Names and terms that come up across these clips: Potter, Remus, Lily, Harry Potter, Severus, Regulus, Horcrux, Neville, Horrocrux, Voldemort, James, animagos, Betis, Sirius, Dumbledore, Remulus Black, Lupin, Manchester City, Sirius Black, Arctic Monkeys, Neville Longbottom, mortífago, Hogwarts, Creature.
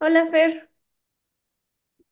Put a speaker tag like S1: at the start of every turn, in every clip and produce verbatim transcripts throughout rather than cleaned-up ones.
S1: Hola, Fer.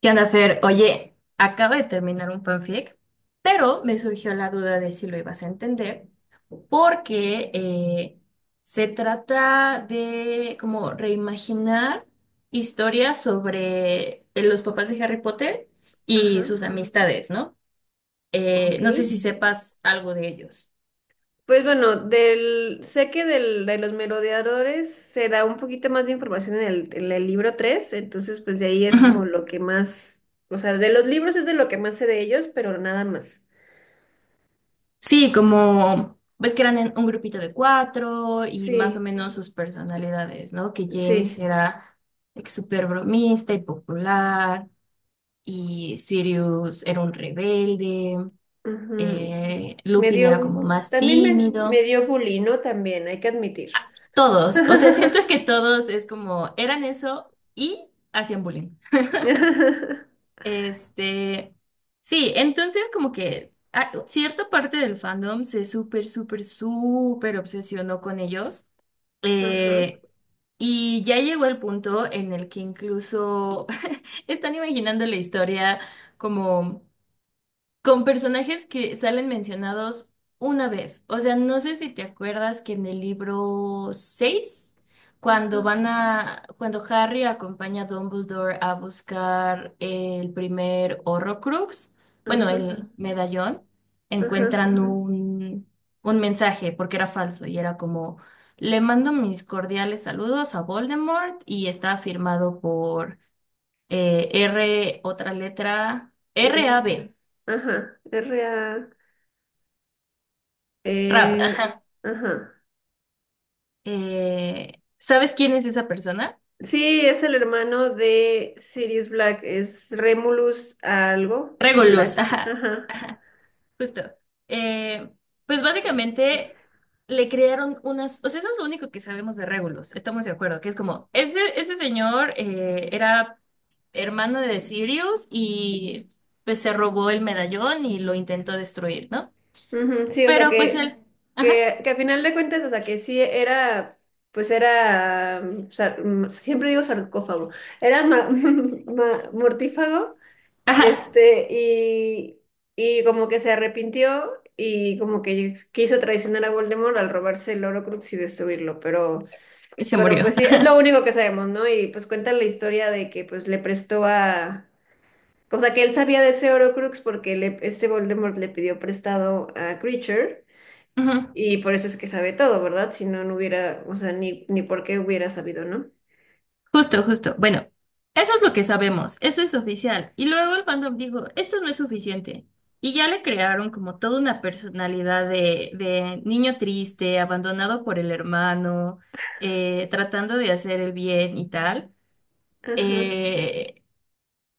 S2: ¿Qué onda, Fer? Oye, acabo de terminar un fanfic, pero me surgió la duda de si lo ibas a entender, porque eh, se trata de como reimaginar historias sobre eh, los papás de Harry Potter
S1: Ajá,
S2: y sus amistades, ¿no? Eh,
S1: ok.
S2: no sé si sepas algo de ellos.
S1: Pues bueno, del, sé que del, de los merodeadores se da un poquito más de información en el, en el libro tres, entonces pues de ahí es como
S2: Ujú.
S1: lo que más, o sea, de los libros es de lo que más sé de ellos, pero nada más.
S2: Sí, como ves que eran en un grupito de cuatro y más o
S1: Sí,
S2: menos sus personalidades, ¿no? Que James
S1: sí,
S2: era like, súper bromista y popular, y Sirius era un rebelde,
S1: ujú.
S2: eh,
S1: Me
S2: Lupin era
S1: dio,
S2: como más
S1: también me, me
S2: tímido.
S1: dio bullying, ¿no? También, hay que admitir.
S2: Todos, o sea, siento que todos es como eran eso y hacían bullying. Este, sí, entonces como que ah, cierta parte del fandom se súper, súper, súper obsesionó con ellos.
S1: Ajá,
S2: Eh, y ya llegó el punto en el que incluso están imaginando la historia como con personajes que salen mencionados una vez. O sea, no sé si te acuerdas que en el libro seis,
S1: ajá,
S2: cuando van a, cuando Harry acompaña a Dumbledore a buscar el primer Horrocrux, bueno,
S1: ajá,
S2: el medallón,
S1: ajá.
S2: encuentran Ujú. Un, un mensaje porque era falso y era como, le mando mis cordiales saludos a Voldemort y está firmado por eh, R, otra letra, R
S1: R,
S2: RAB.
S1: ajá, R-A.
S2: Rab,
S1: Eh, ajá.
S2: Eh, ¿sabes quién es esa persona?
S1: Sí, es el hermano de Sirius Black, es Remulus algo,
S2: Regulus,
S1: Black,
S2: ajá,
S1: ajá.
S2: ajá, justo. Eh, pues básicamente le crearon unas, o sea, eso es lo único que sabemos de Regulus, estamos de acuerdo, que es como, ese, ese señor eh, era hermano de Sirius y pues se robó el medallón y lo intentó destruir, ¿no?
S1: Ujú, sí, o sea
S2: Pero pues
S1: que,
S2: él, ajá,
S1: que, que a final de cuentas, o sea que sí era, pues era, mm, sar- mm, siempre digo sarcófago, era ma- ma- mortífago,
S2: ajá,
S1: este, y, y como que se arrepintió y como que quiso traicionar a Voldemort al robarse el Horcrux y destruirlo, pero...
S2: se
S1: Pero
S2: murió.
S1: pues sí, es lo único que sabemos, ¿no? Y pues cuentan la historia de que pues le prestó a... O sea, que él sabía de ese Horcrux porque le- este Voldemort le pidió prestado a Creature
S2: Ujú.
S1: y por eso es que sabe todo, ¿verdad? Si no, no hubiera, o sea, ni, ni por qué hubiera sabido, ¿no?
S2: Justo, justo. Bueno, eso es lo que sabemos, eso es oficial. Y luego el fandom dijo, esto no es suficiente. Y ya le crearon como toda una personalidad de, de niño triste, abandonado por el hermano, eh, tratando de hacer el bien y tal.
S1: Ajá.
S2: Eh,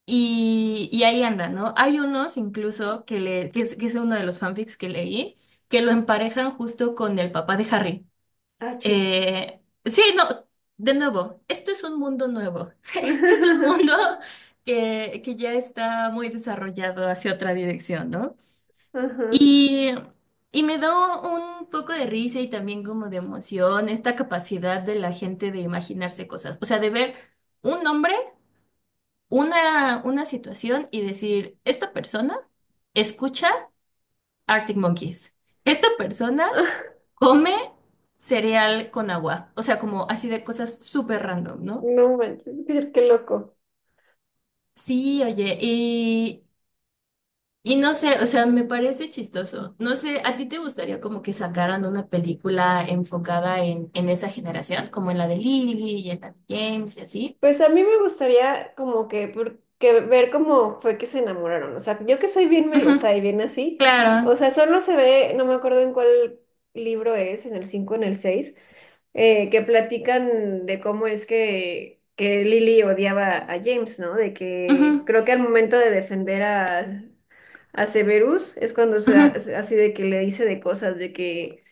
S2: y, y ahí anda, ¿no? Hay unos incluso que, le, que es, que es uno de los fanfics que leí, que lo emparejan justo con el papá de Harry.
S1: Ah, chis.
S2: Eh, sí, no, de nuevo, esto es un mundo nuevo. Este es un mundo que, que ya está muy desarrollado hacia otra dirección, ¿no?
S1: Ajá.
S2: Y, y me da un poco de risa y también como de emoción esta capacidad de la gente de imaginarse cosas. O sea, de ver un nombre, una, una situación y decir, esta persona escucha. Arctic Monkeys. Esta persona
S1: Ah,
S2: come cereal con agua, o sea, como así de cosas súper random, ¿no?
S1: no manches, qué qué loco.
S2: Sí, oye, y, y no sé, o sea, me parece chistoso. No sé, ¿a ti te gustaría como que sacaran una película enfocada en, en esa generación, como en la de Lily y en la de James y así?
S1: Pues a mí me gustaría como que, por- que ver cómo fue que se enamoraron. O sea, yo que soy bien
S2: Ujú,
S1: melosa y bien así.
S2: claro.
S1: O sea, solo se ve, no me acuerdo en cuál libro es, en el cinco, en el seis, eh, que platican de cómo es que, que Lily odiaba a James, ¿no? De que
S2: Ujú,
S1: creo que al momento de defender a, a Severus, es cuando se,
S2: ujú,
S1: ha- se- así de que le dice de cosas, de que,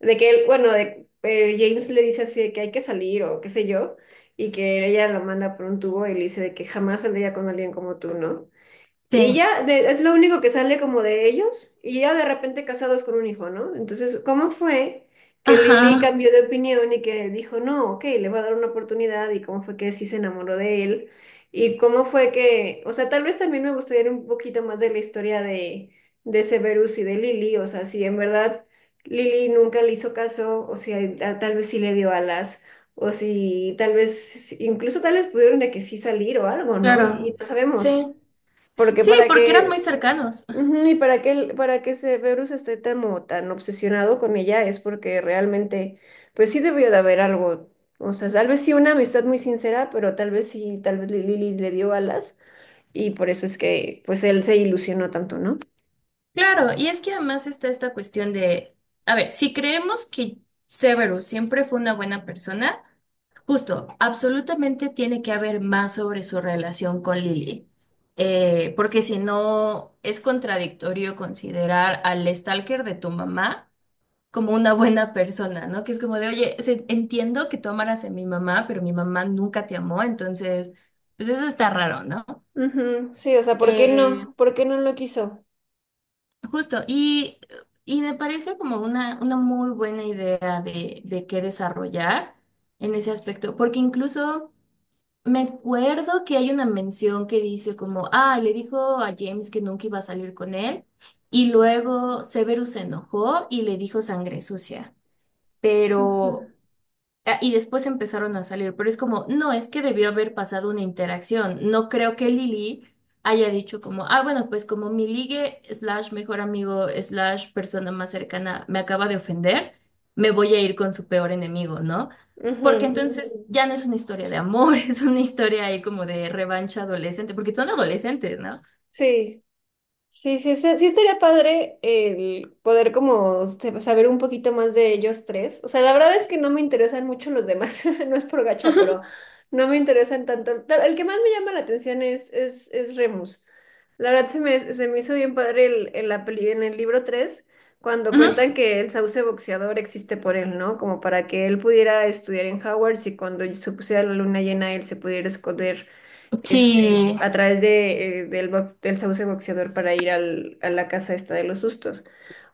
S1: de que él, bueno, de- eh, James le dice así de que hay que salir o qué sé yo, y que ella lo manda por un tubo y le dice de que jamás saldría con alguien como tú, ¿no? Y
S2: sí.
S1: ya de- es lo único que sale como de ellos y ya de repente casados con un hijo, ¿no? Entonces, ¿cómo fue que Lily
S2: Ajá,
S1: cambió de opinión y que dijo, no, ok, le va a dar una oportunidad y cómo fue que sí se enamoró de él? Y cómo fue que, o sea, tal vez también me gustaría un poquito más de la historia de, de Severus y de Lily, o sea, si en verdad Lily nunca le hizo caso, o si a- tal vez sí le dio alas. O si tal vez, incluso tal vez pudieron de que sí salir o algo, ¿no? y y
S2: claro.
S1: no sabemos.
S2: Sí.
S1: Porque
S2: Sí,
S1: para
S2: porque eran muy
S1: que,
S2: cercanos.
S1: Ujú, y para que, el- para que Severus esté tan, como tan obsesionado con ella es porque realmente, pues sí debió de haber algo, o sea, tal vez sí una amistad muy sincera, pero tal vez sí, tal vez Lily le dio alas y por eso es que, pues él se ilusionó tanto, ¿no?
S2: Claro, y es que además está esta cuestión de, a ver, si creemos que Severus siempre fue una buena persona, justo, absolutamente tiene que haber más sobre su relación con Lily. Eh, porque si no, es contradictorio considerar al stalker de tu mamá como una buena persona, ¿no? Que es como de, oye, se- entiendo que tú amaras a mi mamá, pero mi mamá nunca te amó, entonces, pues eso está raro, ¿no?
S1: Ujú, sí, o sea, ¿por qué
S2: Eh,
S1: no? ¿Por qué no lo quiso?
S2: Justo, y, y me parece como una, una muy buena idea de, de qué desarrollar en ese aspecto, porque incluso me acuerdo que hay una mención que dice como, ah, le dijo a James que nunca iba a salir con él, y luego Severus se enojó y le dijo sangre sucia,
S1: Ujú,
S2: pero ah, y después empezaron a salir, pero es como, no, es que debió haber pasado una interacción. No creo que Lili haya dicho como, ah, bueno, pues como mi ligue slash mejor amigo slash persona más cercana me acaba de ofender, me voy a ir con su peor enemigo, ¿no? Porque
S1: ujú,
S2: entonces Mm. ya no es una historia de amor, es una historia ahí como de revancha adolescente, porque son adolescentes, ¿no?
S1: sí, sí, sí, sí, sí estaría padre el poder como se- saber un poquito más de ellos tres. O sea, la verdad es que no me interesan mucho los demás, no es por gacha,
S2: Ujú,
S1: pero no me interesan tanto. El el que más me llama la atención es, es, es, Remus. La verdad se me, se me hizo bien padre el, en la peli- en el libro tres cuando
S2: ujú.
S1: cuentan que el sauce boxeador existe por él, ¿no? Como para que él pudiera estudiar en Hogwarts y cuando se pusiera la luna llena él se pudiera esconder este,
S2: Sí,
S1: a través de, eh, del, box- del sauce boxeador para ir al, a la casa esta de los sustos.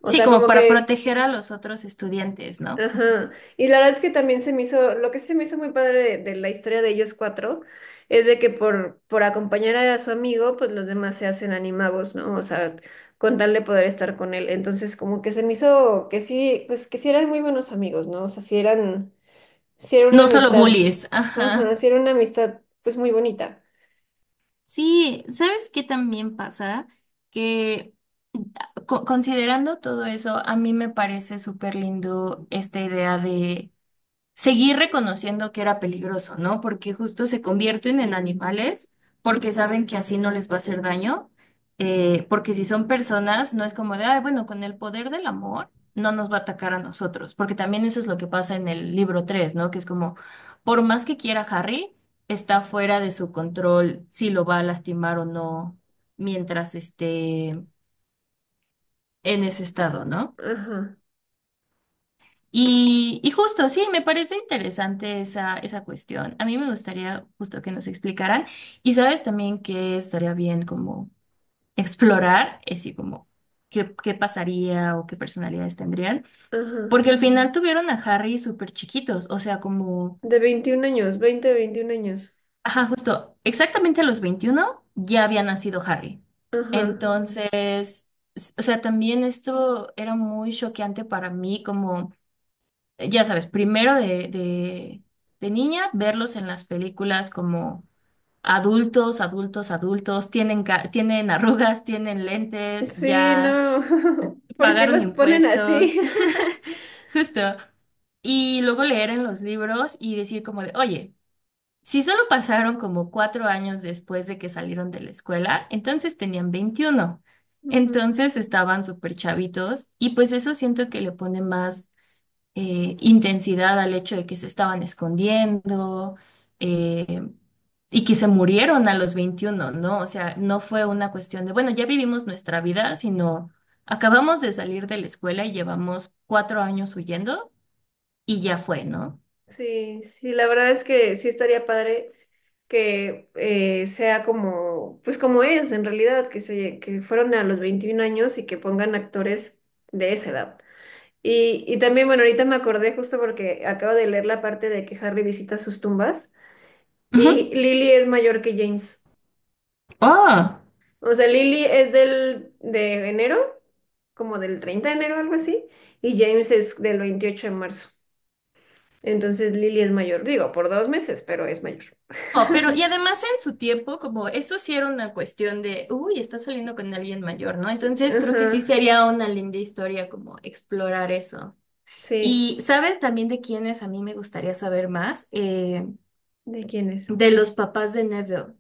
S1: O
S2: sí,
S1: sea,
S2: como
S1: como
S2: para
S1: que,
S2: proteger a los otros estudiantes, ¿no?
S1: ajá. Y la verdad es que también se me hizo, lo que sí se me hizo muy padre de, de la historia de ellos cuatro es de que por, por acompañar a su amigo, pues los demás se hacen animagos, ¿no? O sea, con tal de poder estar con él. Entonces, como que se me hizo que sí, pues que sí eran muy buenos amigos, ¿no? O sea, sí eran, sí era una
S2: No solo
S1: amistad,
S2: bullies,
S1: ajá,
S2: ajá.
S1: sí era una amistad, pues muy bonita.
S2: Sí, ¿sabes qué también pasa? Que ah, co- considerando todo eso, a mí me parece súper lindo esta idea seguir reconociendo que era peligroso, ¿no? Porque justo se convierten en animales porque saben que así no les va a hacer daño, eh, porque si son personas, no es como de, ay, bueno, con el poder del amor no nos va a atacar a nosotros, porque también eso es lo que pasa en el libro tres, ¿no? Que es como, por más que quiera Harry, está fuera de su control si lo va a lastimar o no mientras esté en ese estado, ¿no?
S1: Ajá,
S2: Y, y justo, sí, me parece interesante esa, esa cuestión. A mí me gustaría justo que nos explicaran. Y sabes también que estaría bien como explorar, así como qué, qué pasaría o qué personalidades tendrían,
S1: ajá.
S2: porque al final tuvieron a Harry súper chiquitos, o sea, como,
S1: De veintiún años, veinte veintiún años.
S2: ajá, justo, exactamente a los veintiuno ya había nacido Harry.
S1: Ajá.
S2: Entonces, s- o sea, también esto era muy choqueante para mí como... eh, ya sabes, primero de, de, de niña, verlos en las películas como adultos, adultos, adultos, tienen, ca- tienen arrugas, tienen lentes,
S1: Sí,
S2: ya
S1: no. ¿Por qué
S2: pagaron
S1: los ponen así?
S2: impuestos, justo. Y luego leer en los libros y decir como de, oye, si solo pasaron como cuatro años después de que salieron de la escuela, entonces tenían veintiuno.
S1: Ujú.
S2: Entonces estaban súper chavitos y pues eso siento que le pone más eh, intensidad al hecho de que se estaban escondiendo eh, y que se murieron a los veintiuno, ¿no? O sea, no fue una cuestión de, bueno, ya vivimos nuestra vida, sino acabamos de salir de la escuela y llevamos cuatro años huyendo y ya fue, ¿no?
S1: Sí, sí, la verdad es que sí estaría padre que eh, sea como, pues como es en realidad, que se, que fueron a los veintiún años y que pongan actores de esa edad. Y, y también, bueno, ahorita me acordé justo porque acabo de leer la parte de que Harry visita sus tumbas y
S2: Ujú.
S1: Lily es mayor que James.
S2: Oh.
S1: O sea, Lily es del de enero, como del treinta de enero, algo así, y James es del veintiocho de marzo. Entonces Lily es mayor, digo, por dos meses, pero es mayor.
S2: Oh, pero y además en su tiempo, como eso sí era una cuestión de, uy, está saliendo con alguien mayor, ¿no? Entonces creo que sí
S1: Ajá,
S2: sería una linda historia como explorar eso.
S1: sí.
S2: Y sabes también de quiénes a mí me gustaría saber más. Eh,
S1: ¿De quién es?
S2: de los papás de Neville.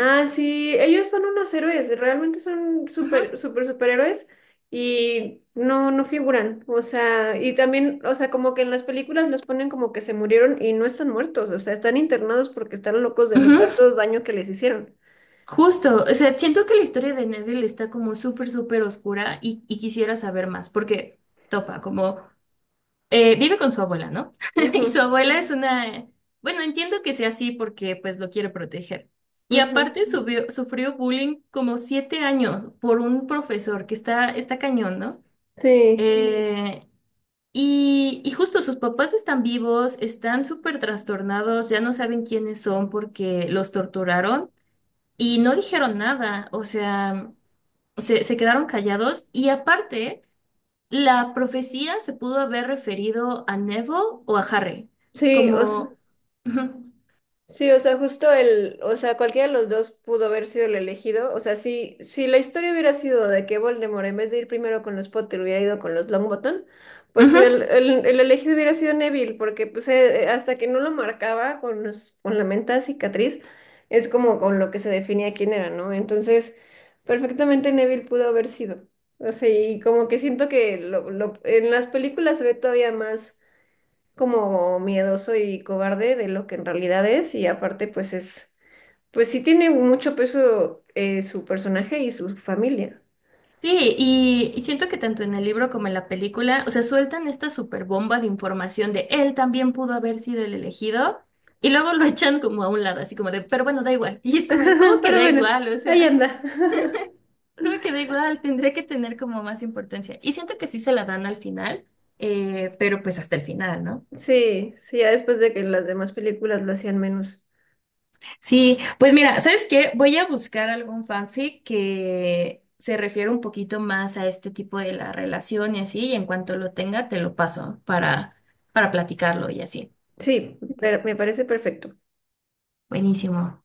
S1: Ah, sí, ellos son unos héroes, realmente son
S2: Ujú,
S1: super, super, superhéroes y no, no figuran. O sea, y también, o sea, como que en las películas los ponen como que se murieron y no están muertos, o sea, están internados porque están locos de lo
S2: ujú,
S1: tantos daño que les hicieron.
S2: justo, o sea, siento que la historia de Neville está como súper, súper oscura y, y quisiera saber más, porque topa, como eh, vive con su abuela, ¿no? Y
S1: Ujú.
S2: su abuela es una, bueno, entiendo que sea así porque pues lo quiere proteger. Y
S1: Ujú.
S2: aparte subió- sufrió bullying como siete años por un profesor que está, está cañón, ¿no? Mm.
S1: Sí,
S2: Eh, Y, y justo sus papás están vivos, están súper trastornados, ya no saben quiénes son porque los torturaron y no dijeron nada, o sea, se, se quedaron callados y aparte, la profecía se pudo haber referido a Neville o a Harry,
S1: sí, o sea,
S2: como... Ujú,
S1: sí, o sea, justo el, o sea, cualquiera de los dos pudo haber sido el elegido. O sea, si, si la historia hubiera sido de que Voldemort, en vez de ir primero con los Potter, hubiera ido con los Longbottom, pues
S2: ujú.
S1: el, el, el elegido hubiera sido Neville, porque pues eh, eh, hasta que no lo marcaba con, los- con la menta cicatriz, es como con lo que se definía quién era, ¿no? Entonces, perfectamente Neville pudo haber sido. O sea, y como que siento que lo, lo- en las películas se ve todavía más como miedoso y cobarde de lo que en realidad es y aparte pues es, pues sí tiene mucho peso eh, su personaje y su familia.
S2: Sí, y, y siento que tanto en el libro como en la película, o sea, sueltan esta super bomba de información de él también pudo haber sido el elegido, y luego lo echan como a un lado, así como de, pero bueno, da igual. Y es como de, ¿cómo que
S1: Pero
S2: da
S1: bueno,
S2: igual? O
S1: ahí
S2: sea,
S1: anda.
S2: ¿cómo que da igual? Tendría que tener como más importancia. Y siento que sí se la dan al final, eh, pero pues hasta el final, ¿no?
S1: Sí, sí, ya después de que las demás películas lo hacían menos.
S2: Sí, pues mira, ¿sabes qué? Voy a buscar algún fanfic que se refiere un poquito más a este tipo de la relación y así, y en cuanto lo tenga, te lo paso para, para platicarlo y así.
S1: Sí, pero me parece perfecto.
S2: Buenísimo.